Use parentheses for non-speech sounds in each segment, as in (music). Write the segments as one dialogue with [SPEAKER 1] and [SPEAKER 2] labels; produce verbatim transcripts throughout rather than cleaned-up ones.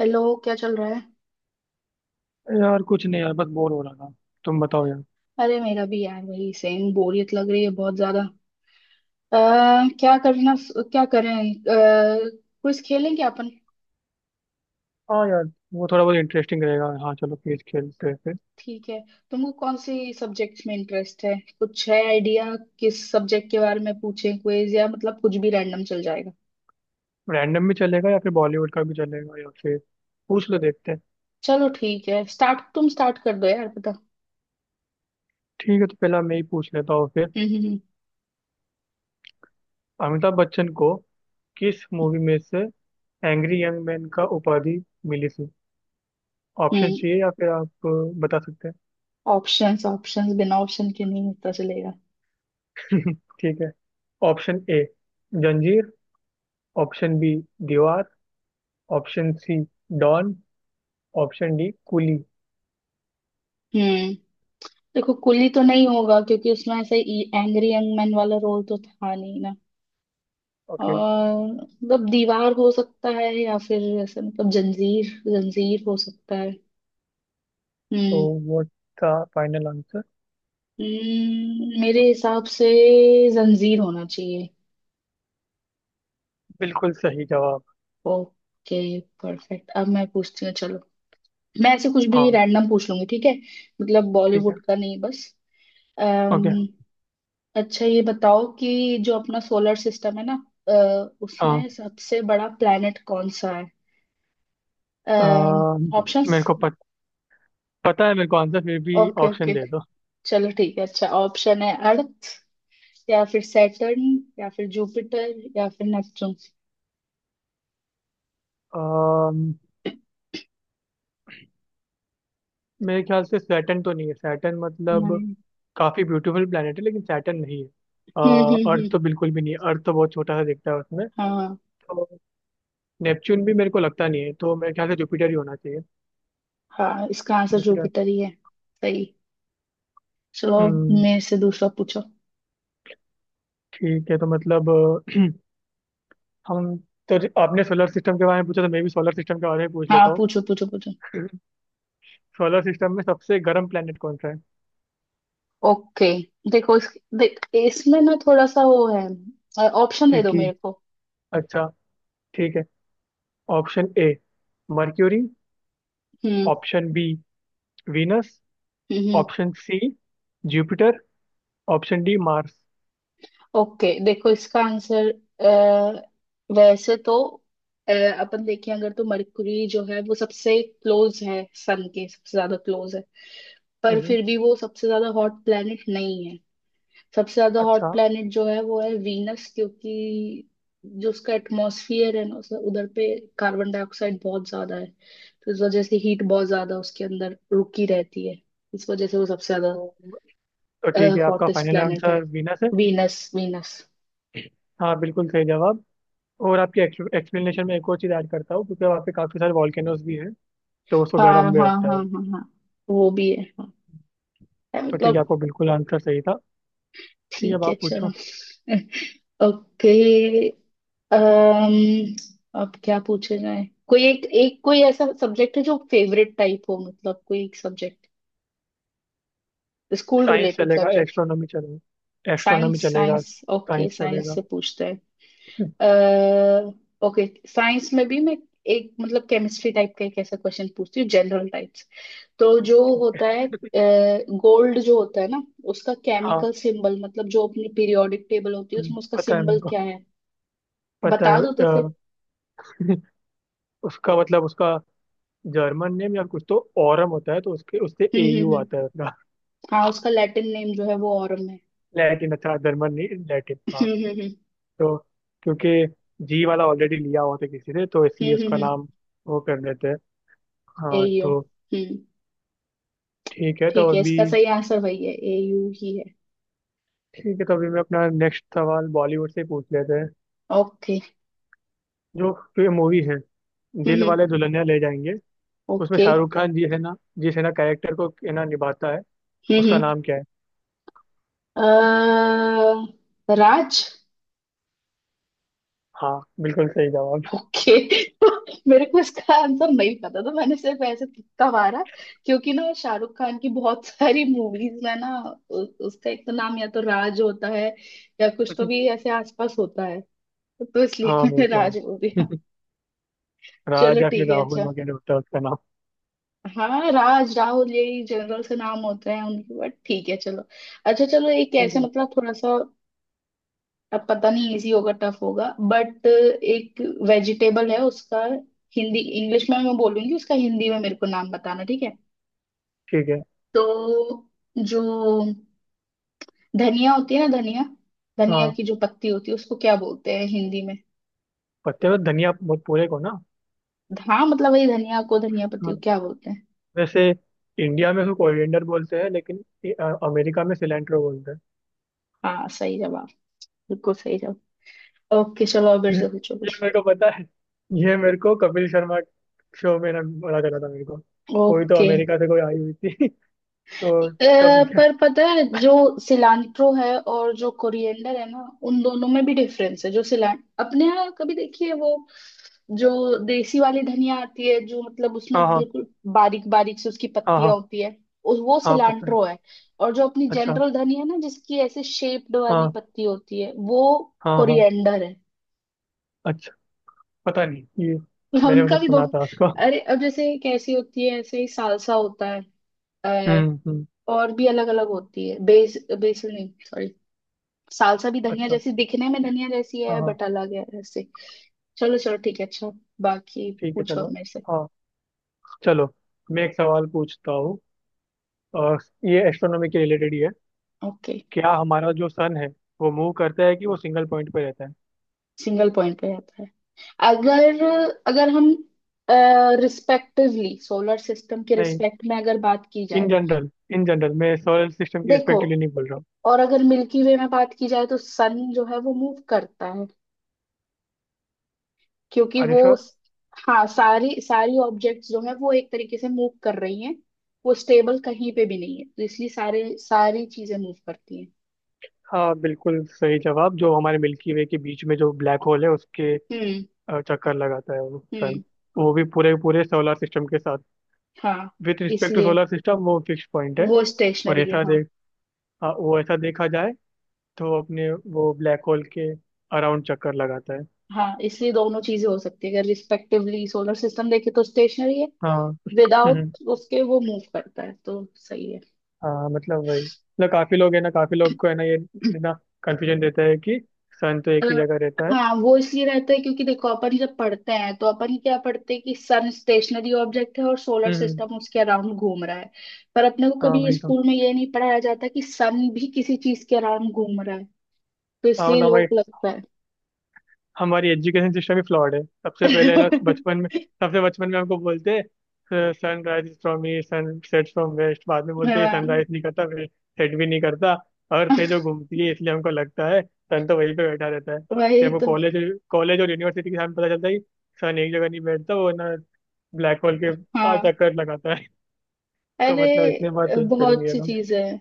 [SPEAKER 1] Hello. क्या चल रहा है।
[SPEAKER 2] यार कुछ नहीं यार, बस बोर हो रहा था। तुम बताओ यार।
[SPEAKER 1] अरे मेरा भी यार वही सेम बोरियत लग रही है बहुत ज्यादा। अह, क्या करना। क्या करें। क्विज खेलें क्या अपन।
[SPEAKER 2] हाँ यार, वो थोड़ा बहुत इंटरेस्टिंग रहेगा। हाँ चलो क्विज खेलते हैं फिर।
[SPEAKER 1] ठीक है। तुमको कौन सी सब्जेक्ट्स में इंटरेस्ट है, कुछ है आइडिया? किस सब्जेक्ट के बारे में पूछें क्विज, या मतलब कुछ भी रैंडम चल जाएगा।
[SPEAKER 2] रैंडम भी चलेगा, या फिर बॉलीवुड का भी चलेगा, या फिर पूछ लो, देखते हैं।
[SPEAKER 1] चलो ठीक है, स्टार्ट तुम स्टार्ट कर दो यार पता।
[SPEAKER 2] ठीक है, तो पहला मैं ही पूछ लेता हूँ फिर।
[SPEAKER 1] हम्म, हम्म,
[SPEAKER 2] अमिताभ बच्चन को किस मूवी में से एंग्री यंग मैन का उपाधि मिली थी? ऑप्शन
[SPEAKER 1] हम्म।
[SPEAKER 2] चाहिए या फिर आप अ, बता सकते
[SPEAKER 1] ऑप्शंस, ऑप्शंस, बिना ऑप्शन के नहीं पता चलेगा।
[SPEAKER 2] हैं? (laughs) ठीक है। Option A Zanjeer. Option B Deewaar. Option C Don. Option D Coolie.
[SPEAKER 1] हम्म। देखो, कुली तो नहीं होगा क्योंकि उसमें ऐसे एंग्री यंग मैन वाला रोल तो था नहीं ना।
[SPEAKER 2] ओके।
[SPEAKER 1] और मतलब दीवार हो सकता है, या फिर ऐसा मतलब जंजीर। जंजीर हो सकता है।
[SPEAKER 2] तो
[SPEAKER 1] हम्म।
[SPEAKER 2] वो था फाइनल आंसर?
[SPEAKER 1] हम्म, मेरे हिसाब से जंजीर होना चाहिए।
[SPEAKER 2] बिल्कुल सही जवाब।
[SPEAKER 1] Okay perfect. अब मैं पूछती हूँ, चलो। मैं ऐसे कुछ भी
[SPEAKER 2] हाँ
[SPEAKER 1] रैंडम पूछ लूंगी, ठीक है। मतलब
[SPEAKER 2] ठीक है।
[SPEAKER 1] बॉलीवुड का नहीं बस।
[SPEAKER 2] ओके।
[SPEAKER 1] अम्म अच्छा ये बताओ कि जो अपना सोलर सिस्टम है ना, अ,
[SPEAKER 2] हाँ।
[SPEAKER 1] उसमें सबसे बड़ा प्लेनेट कौन सा है?
[SPEAKER 2] अम, मेरे
[SPEAKER 1] ऑप्शंस?
[SPEAKER 2] को पत, पता है मेरे को आंसर फिर भी।
[SPEAKER 1] ओके,
[SPEAKER 2] ऑप्शन
[SPEAKER 1] ओके,
[SPEAKER 2] दे दो।
[SPEAKER 1] चलो ठीक है। अच्छा, ऑप्शन है अर्थ, या फिर सैटर्न, या फिर जुपिटर, या फिर नेपच्यून।
[SPEAKER 2] अम, मेरे ख्याल से सैटर्न तो नहीं है, सैटर्न मतलब
[SPEAKER 1] नहीं।
[SPEAKER 2] काफी ब्यूटीफुल प्लेनेट है लेकिन सैटर्न नहीं है।
[SPEAKER 1] हम्म, हम्म,
[SPEAKER 2] अर्थ
[SPEAKER 1] हम्म।
[SPEAKER 2] तो बिल्कुल भी नहीं है, अर्थ तो बहुत छोटा सा दिखता है उसमें।
[SPEAKER 1] हाँ,
[SPEAKER 2] तो नेपच्यून भी मेरे को लगता नहीं है, तो मेरे ख्याल से जुपिटर ही होना चाहिए।
[SPEAKER 1] हाँ इसका आंसर
[SPEAKER 2] जुपिटर।
[SPEAKER 1] जुपिटर ही है। सही। चलो।
[SPEAKER 2] हम्म।
[SPEAKER 1] मेरे से दूसरा पूछो।
[SPEAKER 2] ठीक है, तो मतलब अ, हम तो आपने सोलर सिस्टम के बारे में पूछा, तो मैं भी सोलर सिस्टम के बारे में पूछ
[SPEAKER 1] हाँ
[SPEAKER 2] लेता हूँ।
[SPEAKER 1] पूछो, पूछो, पूछो।
[SPEAKER 2] सोलर सिस्टम में सबसे गर्म प्लेनेट कौन सा है?
[SPEAKER 1] ओके। देखो इस, देख, इसमें ना थोड़ा सा वो है, ऑप्शन दे दो
[SPEAKER 2] ठीक है।
[SPEAKER 1] मेरे को।
[SPEAKER 2] अच्छा। ठीक है। Option A Mercury.
[SPEAKER 1] Hmm,
[SPEAKER 2] option B Venus.
[SPEAKER 1] Hmm.
[SPEAKER 2] Option C Jupiter. Option D Mars.
[SPEAKER 1] Okay देखो इसका आंसर, अ, वैसे तो, अ, अपन देखें अगर तो मरकरी जो है वो सबसे क्लोज है, सन के सबसे ज्यादा क्लोज है। पर
[SPEAKER 2] हम्म,
[SPEAKER 1] फिर भी वो सबसे ज्यादा हॉट प्लैनेट नहीं है। सबसे ज्यादा हॉट
[SPEAKER 2] अच्छा।
[SPEAKER 1] प्लैनेट जो है वो है वीनस, क्योंकि जो उसका एटमॉस्फियर है ना उस- उधर पे कार्बन डाइऑक्साइड बहुत ज्यादा है, तो इस वजह से हीट बहुत ज्यादा उसके अंदर रुकी रहती है। इस वजह से वो सबसे ज्यादा
[SPEAKER 2] तो तो ठीक है, आपका
[SPEAKER 1] हॉटेस्ट
[SPEAKER 2] फाइनल
[SPEAKER 1] प्लैनेट है।
[SPEAKER 2] आंसर वीनस है?
[SPEAKER 1] Venus, Venus.
[SPEAKER 2] हाँ बिल्कुल सही जवाब। और आपके एक्सप्लेनेशन में एक और चीज़ ऐड करता हूँ क्योंकि वहाँ पे काफ़ी सारे वॉल्केनोज भी हैं, तो उसको
[SPEAKER 1] हाँ,
[SPEAKER 2] गर्म भी
[SPEAKER 1] हाँ,
[SPEAKER 2] होता है।
[SPEAKER 1] हाँ, हाँ, हाँ, वो भी है हाँ। है,
[SPEAKER 2] तो ठीक है,
[SPEAKER 1] मतलब।
[SPEAKER 2] आपको बिल्कुल आंसर सही था। ठीक है, अब
[SPEAKER 1] ठीक है
[SPEAKER 2] आप
[SPEAKER 1] चलो।
[SPEAKER 2] पूछो।
[SPEAKER 1] (laughs) ओके। अम्म अब क्या पूछे जाए, कोई एक एक कोई ऐसा सब्जेक्ट है जो फेवरेट टाइप हो, मतलब कोई एक सब्जेक्ट, स्कूल
[SPEAKER 2] साइंस
[SPEAKER 1] रिलेटेड
[SPEAKER 2] चलेगा,
[SPEAKER 1] सब्जेक्ट।
[SPEAKER 2] एस्ट्रोनॉमी चलेगा,
[SPEAKER 1] साइंस
[SPEAKER 2] एस्ट्रोनॉमी चलेगा,
[SPEAKER 1] साइंस, ओके
[SPEAKER 2] साइंस
[SPEAKER 1] साइंस
[SPEAKER 2] चलेगा।
[SPEAKER 1] से पूछते हैं। ओके साइंस में भी मैं एक मतलब केमिस्ट्री टाइप का एक ऐसा क्वेश्चन पूछती हूँ, जनरल टाइप्स। तो जो होता है, गोल्ड जो होता है ना, उसका
[SPEAKER 2] हाँ।
[SPEAKER 1] केमिकल सिंबल, मतलब जो अपनी पीरियोडिक टेबल होती है
[SPEAKER 2] हम्म,
[SPEAKER 1] उसमें उसका
[SPEAKER 2] पता है मेरे
[SPEAKER 1] सिंबल
[SPEAKER 2] को,
[SPEAKER 1] क्या है?
[SPEAKER 2] पता
[SPEAKER 1] बता
[SPEAKER 2] है
[SPEAKER 1] दो तो
[SPEAKER 2] अ,
[SPEAKER 1] फिर।
[SPEAKER 2] उसका मतलब उसका जर्मन नेम या कुछ तो ओरम होता है, तो उसके उससे
[SPEAKER 1] हम्म, हम्म,
[SPEAKER 2] एयू
[SPEAKER 1] हम्म।
[SPEAKER 2] आता है उसका।
[SPEAKER 1] हाँ, उसका लैटिन नेम जो है वो ऑरम है।
[SPEAKER 2] लैटिन, अच्छा। जर्मन नहीं, लैटिन।
[SPEAKER 1] (laughs)
[SPEAKER 2] हाँ।
[SPEAKER 1] हम्म, हम्म,
[SPEAKER 2] तो क्योंकि जी वाला ऑलरेडी लिया हुआ था किसी ने, तो
[SPEAKER 1] हम्म,
[SPEAKER 2] इसलिए
[SPEAKER 1] हम्म,
[SPEAKER 2] उसका
[SPEAKER 1] हम्म।
[SPEAKER 2] नाम वो कर देते हैं। हाँ।
[SPEAKER 1] एयू।
[SPEAKER 2] तो
[SPEAKER 1] हम्म।
[SPEAKER 2] ठीक है तो
[SPEAKER 1] ठीक है,
[SPEAKER 2] अभी
[SPEAKER 1] इसका सही आंसर वही है, एयू ही है।
[SPEAKER 2] ठीक है, तो अभी मैं अपना नेक्स्ट सवाल बॉलीवुड से ही पूछ लेते हैं।
[SPEAKER 1] ओके,
[SPEAKER 2] जो तो मूवी है
[SPEAKER 1] हम्म,
[SPEAKER 2] दिल
[SPEAKER 1] हम्म,
[SPEAKER 2] वाले दुल्हनिया ले जाएंगे, उसमें
[SPEAKER 1] ओके, हम्म।
[SPEAKER 2] शाहरुख खान जी है ना, जिस है ना कैरेक्टर को है ना निभाता है,
[SPEAKER 1] okay,
[SPEAKER 2] उसका
[SPEAKER 1] हम्म,
[SPEAKER 2] नाम क्या है?
[SPEAKER 1] अह, राज।
[SPEAKER 2] हाँ बिल्कुल सही जवाब।
[SPEAKER 1] ओके। (laughs) मेरे को इसका आंसर नहीं पता था, मैंने सिर्फ ऐसे तुक्का मारा। क्योंकि ना शाहरुख खान की बहुत (laughs) सारी मूवीज में ना, उ, उसका एक तो नाम या तो राज होता है, या कुछ तो भी ऐसे आसपास होता है। तो इसलिए
[SPEAKER 2] हाँ
[SPEAKER 1] (laughs)
[SPEAKER 2] वो
[SPEAKER 1] मैंने
[SPEAKER 2] तो
[SPEAKER 1] राज बोल
[SPEAKER 2] है।
[SPEAKER 1] दिया।
[SPEAKER 2] (laughs)
[SPEAKER 1] चलो
[SPEAKER 2] राज या फिर
[SPEAKER 1] ठीक है, अच्छा।
[SPEAKER 2] राहुल वगैरह होता है उसका नाम।
[SPEAKER 1] हाँ, राज राहुल यही जनरल से नाम होते हैं उनके, बट ठीक है चलो। अच्छा चलो, एक
[SPEAKER 2] ठीक
[SPEAKER 1] ऐसे
[SPEAKER 2] है।
[SPEAKER 1] मतलब थोड़ा सा, अब पता नहीं इजी होगा टफ होगा, बट एक वेजिटेबल है, उसका हिंदी, इंग्लिश में मैं बोलूंगी, उसका हिंदी में मेरे को नाम बताना, ठीक है।
[SPEAKER 2] ठीक है।
[SPEAKER 1] तो जो धनिया होती है ना, धनिया, धनिया
[SPEAKER 2] हाँ।
[SPEAKER 1] की जो पत्ती होती है उसको क्या बोलते हैं हिंदी में?
[SPEAKER 2] पत्ते में धनिया बहुत पूरे को ना।
[SPEAKER 1] हाँ मतलब वही धनिया को, धनिया पत्ती को
[SPEAKER 2] हाँ,
[SPEAKER 1] क्या बोलते हैं?
[SPEAKER 2] वैसे इंडिया में उसको कोरिएंडर बोलते हैं, लेकिन ये, अ, अमेरिका में सिलेंट्रो बोलते हैं।
[SPEAKER 1] हाँ सही जवाब। बिल्कुल सही जवाब। ओके चलो, अब मेरे
[SPEAKER 2] ये
[SPEAKER 1] से पूछो
[SPEAKER 2] ये
[SPEAKER 1] कुछ।
[SPEAKER 2] मेरे को पता है। ये मेरे को कपिल शर्मा शो में ना बोला चला था मेरे को। कोई तो
[SPEAKER 1] ओके।
[SPEAKER 2] अमेरिका से कोई आई हुई थी। (laughs)
[SPEAKER 1] अ,
[SPEAKER 2] तो सब।
[SPEAKER 1] पर पता है जो सिलांट्रो है और जो कोरिएंडर है ना, उन दोनों में भी डिफरेंस है। जो सिलान अपने यहाँ कभी देखिए वो, जो देसी वाली धनिया आती है जो मतलब
[SPEAKER 2] हाँ
[SPEAKER 1] उसमें
[SPEAKER 2] हाँ।
[SPEAKER 1] बिल्कुल बारीक बारीक से उसकी
[SPEAKER 2] हाँ
[SPEAKER 1] पत्तियां
[SPEAKER 2] हाँ।
[SPEAKER 1] होती है, उस- वो
[SPEAKER 2] हाँ पता है।
[SPEAKER 1] सिलांट्रो है। और जो अपनी
[SPEAKER 2] अच्छा।
[SPEAKER 1] जनरल धनिया है ना, जिसकी ऐसे शेप्ड वाली
[SPEAKER 2] हाँ
[SPEAKER 1] पत्ती होती है वो
[SPEAKER 2] हाँ हाँ।
[SPEAKER 1] कोरिएंडर है।
[SPEAKER 2] अच्छा, पता नहीं ये,
[SPEAKER 1] (laughs)
[SPEAKER 2] मैंने उन्हें
[SPEAKER 1] उनका भी दो।
[SPEAKER 2] सुना था उसको।
[SPEAKER 1] अरे अब जैसे कैसी होती है ऐसे ही सालसा होता है। अ,
[SPEAKER 2] हम्म हम्म।
[SPEAKER 1] और भी अलग अलग होती है, बेस बेसिल नहीं। सालसा भी धनिया
[SPEAKER 2] अच्छा।
[SPEAKER 1] जैसी, दिखने में धनिया जैसी
[SPEAKER 2] हाँ
[SPEAKER 1] है
[SPEAKER 2] हाँ।
[SPEAKER 1] बट अलग है ऐसे। चलो चलो ठीक है, अच्छा। बाकी
[SPEAKER 2] ठीक है,
[SPEAKER 1] पूछो अब
[SPEAKER 2] चलो।
[SPEAKER 1] मेरे से।
[SPEAKER 2] हाँ चलो। मैं एक सवाल पूछता हूँ। अ, ये एस्ट्रोनॉमी के रिलेटेड ही है।
[SPEAKER 1] ओके।
[SPEAKER 2] क्या हमारा जो सन है वो मूव करता है कि वो सिंगल पॉइंट पे रहता है?
[SPEAKER 1] सिंगल पॉइंट पे आता है? अगर अगर हम रिस्पेक्टिवली सोलर सिस्टम के
[SPEAKER 2] नहीं।
[SPEAKER 1] रिस्पेक्ट में अगर बात की
[SPEAKER 2] इन
[SPEAKER 1] जाए।
[SPEAKER 2] जनरल इन जनरल मैं सोलर सिस्टम के
[SPEAKER 1] देखो,
[SPEAKER 2] रिस्पेक्टिवली नहीं बोल रहा हूँ।
[SPEAKER 1] और अगर मिल्की वे में बात की जाए तो सन जो है वो मूव करता है, क्योंकि
[SPEAKER 2] अरे
[SPEAKER 1] वो,
[SPEAKER 2] श्योर।
[SPEAKER 1] हाँ सारी सारी ऑब्जेक्ट्स जो है वो एक तरीके से मूव कर रही हैं। वो स्टेबल कहीं पे भी नहीं है, तो इसलिए सारे सारी चीजें मूव करती हैं।
[SPEAKER 2] हाँ बिल्कुल सही जवाब। जो हमारे मिल्की वे के बीच में जो ब्लैक होल है, उसके
[SPEAKER 1] हम्म,
[SPEAKER 2] अ, चक्कर लगाता है वो सन।
[SPEAKER 1] हम्म।
[SPEAKER 2] वो भी पूरे पूरे सोलर सिस्टम के साथ।
[SPEAKER 1] हाँ
[SPEAKER 2] विथ रिस्पेक्ट टू
[SPEAKER 1] इसलिए
[SPEAKER 2] सोलर सिस्टम वो फिक्स पॉइंट है।
[SPEAKER 1] वो
[SPEAKER 2] और
[SPEAKER 1] स्टेशनरी है,
[SPEAKER 2] ऐसा
[SPEAKER 1] हाँ।
[SPEAKER 2] देख हाँ, वो ऐसा देखा जाए, तो अपने वो ब्लैक होल के अराउंड चक्कर लगाता है।
[SPEAKER 1] हाँ इसलिए दोनों चीजें हो सकती है, अगर रिस्पेक्टिवली सोलर सिस्टम देखे तो स्टेशनरी है,
[SPEAKER 2] हाँ। हम्म।
[SPEAKER 1] विदाउट उसके वो मूव करता है, तो सही है।
[SPEAKER 2] हाँ मतलब वही, मतलब काफी लोग है ना, काफी लोग को है ना, ये
[SPEAKER 1] (clears throat)
[SPEAKER 2] ना कंफ्यूजन देता है कि सन तो
[SPEAKER 1] अ,
[SPEAKER 2] एक ही जगह रहता है।
[SPEAKER 1] हाँ वो इसलिए रहता है क्योंकि देखो, अपन जब पढ़ते हैं तो अपन क्या पढ़ते हैं कि सन स्टेशनरी ऑब्जेक्ट है और सोलर
[SPEAKER 2] हम्म।
[SPEAKER 1] सिस्टम उसके अराउंड घूम रहा है। पर अपने को
[SPEAKER 2] हाँ
[SPEAKER 1] कभी
[SPEAKER 2] वही तो।
[SPEAKER 1] स्कूल में ये नहीं पढ़ाया जाता कि सन भी किसी चीज के अराउंड घूम रहा है, तो
[SPEAKER 2] हाँ
[SPEAKER 1] इसलिए
[SPEAKER 2] मतलब हमारी
[SPEAKER 1] लोग लगता है।
[SPEAKER 2] हमारी एजुकेशन सिस्टम ही फ्लॉड है, सबसे पहले ना बचपन में।
[SPEAKER 1] (laughs)
[SPEAKER 2] सबसे बचपन में हमको बोलते हैं sunrise is from east, sunset from west. बाद में बोलते हैं
[SPEAKER 1] हाँ
[SPEAKER 2] सनराइज नहीं करता, सेट भी नहीं करता, अर्थ है जो
[SPEAKER 1] (laughs)
[SPEAKER 2] घूमती है, इसलिए हमको लगता है सन तो वहीं पे बैठा रहता है। फिर
[SPEAKER 1] वही
[SPEAKER 2] हमको
[SPEAKER 1] तो।
[SPEAKER 2] कॉलेज कॉलेज और यूनिवर्सिटी के सामने पता चलता है कि सन एक जगह नहीं बैठता, वो ना ब्लैक होल के चार
[SPEAKER 1] हाँ,
[SPEAKER 2] चक्कर लगाता है। (laughs) तो
[SPEAKER 1] अरे,
[SPEAKER 2] मतलब इतने बार
[SPEAKER 1] अ,
[SPEAKER 2] चेंज करेंगे
[SPEAKER 1] बहुत
[SPEAKER 2] ये
[SPEAKER 1] सी
[SPEAKER 2] लोग।
[SPEAKER 1] चीजें हैं।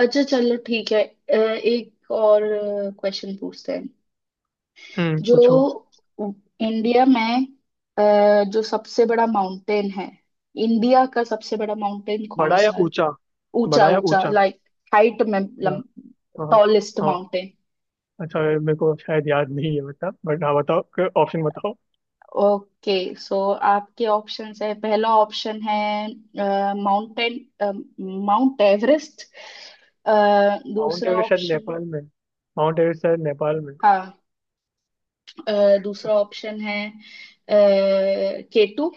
[SPEAKER 1] अच्छा चलो ठीक है, अ, एक और क्वेश्चन पूछते हैं।
[SPEAKER 2] हम्म,
[SPEAKER 1] जो
[SPEAKER 2] पूछो।
[SPEAKER 1] इंडिया में, अ, जो सबसे बड़ा माउंटेन है, इंडिया का सबसे बड़ा माउंटेन कौन
[SPEAKER 2] बड़ा या
[SPEAKER 1] सा है?
[SPEAKER 2] ऊंचा?
[SPEAKER 1] ऊंचा,
[SPEAKER 2] बड़ा या
[SPEAKER 1] ऊंचा
[SPEAKER 2] ऊंचा?
[SPEAKER 1] लाइक, हाइट में,
[SPEAKER 2] या हाँ।
[SPEAKER 1] टॉलेस्ट
[SPEAKER 2] हाँ।
[SPEAKER 1] माउंटेन।
[SPEAKER 2] अच्छा ये मेरे को शायद याद नहीं है, बता बट हाँ बताओ, ऑप्शन बताओ।
[SPEAKER 1] ओके, सो आपके ऑप्शंस है, पहला ऑप्शन है माउंटेन, माउंट एवरेस्ट।
[SPEAKER 2] माउंट
[SPEAKER 1] दूसरा
[SPEAKER 2] एवरेस्ट शायद
[SPEAKER 1] ऑप्शन,
[SPEAKER 2] नेपाल में है। माउंट एवरेस्ट शायद नेपाल में।
[SPEAKER 1] हाँ, अ, दूसरा ऑप्शन है केटू।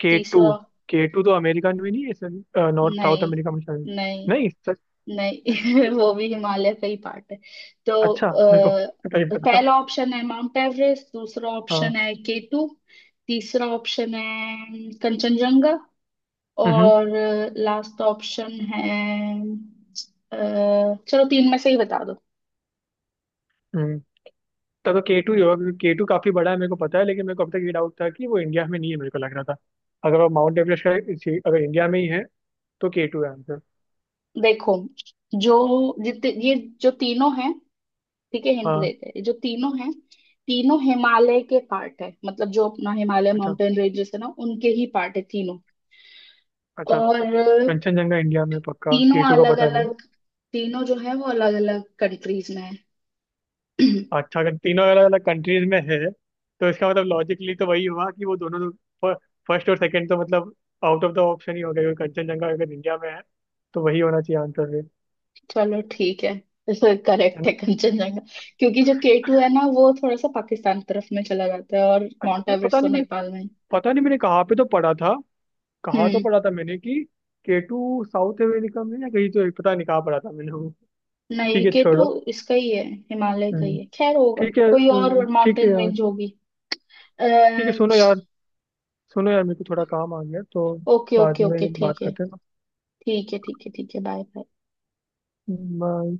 [SPEAKER 2] के
[SPEAKER 1] तीसरा,
[SPEAKER 2] टू। के टू तो अमेरिका में नहीं है, नॉर्थ साउथ
[SPEAKER 1] नहीं,
[SPEAKER 2] अमेरिका में शायद।
[SPEAKER 1] नहीं,
[SPEAKER 2] नहीं, सच?
[SPEAKER 1] नहीं,
[SPEAKER 2] सच-
[SPEAKER 1] (laughs) वो भी हिमालय का ही पार्ट है। तो
[SPEAKER 2] अच्छा मेरे को नहीं
[SPEAKER 1] अ,
[SPEAKER 2] पता।
[SPEAKER 1] पहला ऑप्शन है माउंट एवरेस्ट, दूसरा ऑप्शन
[SPEAKER 2] हाँ।
[SPEAKER 1] है केटू, तीसरा ऑप्शन है कंचनजंगा,
[SPEAKER 2] हम्म
[SPEAKER 1] और लास्ट ऑप्शन है, अ, चलो तीन में से ही बता दो।
[SPEAKER 2] हम्म। तब तो के टू ही होगा क्योंकि के टू काफी बड़ा है मेरे को पता है, लेकिन मेरे को अब तक ये डाउट था कि वो इंडिया में नहीं है, मेरे को लग रहा था। अगर वो माउंट एवरेस्ट का इसी- अगर इंडिया में ही है तो के टू है आंसर।
[SPEAKER 1] देखो, जो जितने ये जो तीनों हैं, ठीक है हिंट
[SPEAKER 2] हाँ।
[SPEAKER 1] देते हैं, ये जो तीनों हैं, तीनों हिमालय के पार्ट है, मतलब जो अपना हिमालय
[SPEAKER 2] अच्छा।
[SPEAKER 1] माउंटेन रेंजेस है ना उनके ही पार्ट है तीनों।
[SPEAKER 2] अच्छा
[SPEAKER 1] और
[SPEAKER 2] कंचनजंगा इंडिया में पक्का,
[SPEAKER 1] तीनों
[SPEAKER 2] के टू का
[SPEAKER 1] अलग
[SPEAKER 2] पता नहीं।
[SPEAKER 1] अलग, तीनों जो है वो अलग अलग कंट्रीज में है। (clears throat)
[SPEAKER 2] अच्छा, अगर तीनों अलग अलग कंट्रीज में है, तो इसका मतलब लॉजिकली तो वही हुआ कि वो दोनों, फर्स्ट और सेकंड, तो मतलब आउट ऑफ द ऑप्शन ही हो गया, क्योंकि कंचनजंगा अगर इंडिया में है तो वही होना चाहिए आंसर फिर।
[SPEAKER 1] चलो ठीक है, तो
[SPEAKER 2] है
[SPEAKER 1] करेक्ट है
[SPEAKER 2] ना?
[SPEAKER 1] कंचनजंगा। क्योंकि जो के टू है ना वो थोड़ा सा पाकिस्तान तरफ में चला जाता है, और
[SPEAKER 2] अच्छा,
[SPEAKER 1] माउंट
[SPEAKER 2] तो
[SPEAKER 1] एवरेस्ट
[SPEAKER 2] पता
[SPEAKER 1] तो
[SPEAKER 2] नहीं मैंने
[SPEAKER 1] नेपाल में है।
[SPEAKER 2] पता नहीं मैंने कहाँ पे तो पढ़ा था, कहाँ तो
[SPEAKER 1] हम्म।
[SPEAKER 2] पढ़ा था मैंने कि केटू साउथ अमेरिका में या कहीं, तो पता नहीं कहाँ पढ़ा था मैंने वो।
[SPEAKER 1] नहीं,
[SPEAKER 2] ठीक है
[SPEAKER 1] के टू
[SPEAKER 2] छोड़ो।
[SPEAKER 1] इसका ही है, हिमालय का ही
[SPEAKER 2] हम्म,
[SPEAKER 1] है। खैर होगा,
[SPEAKER 2] ठीक है।
[SPEAKER 1] कोई
[SPEAKER 2] हम्म,
[SPEAKER 1] और
[SPEAKER 2] ठीक है
[SPEAKER 1] माउंटेन
[SPEAKER 2] यार।
[SPEAKER 1] रेंज होगी। अ,
[SPEAKER 2] ठीक है, सुनो यार सुनो यार मेरे को थोड़ा काम आ गया, तो
[SPEAKER 1] ओके,
[SPEAKER 2] बाद
[SPEAKER 1] ओके, ओके,
[SPEAKER 2] में बात
[SPEAKER 1] ठीक है,
[SPEAKER 2] करते हैं ना।
[SPEAKER 1] ठीक है, ठीक है, ठीक है, बाय बाय।
[SPEAKER 2] हम्म, बाय।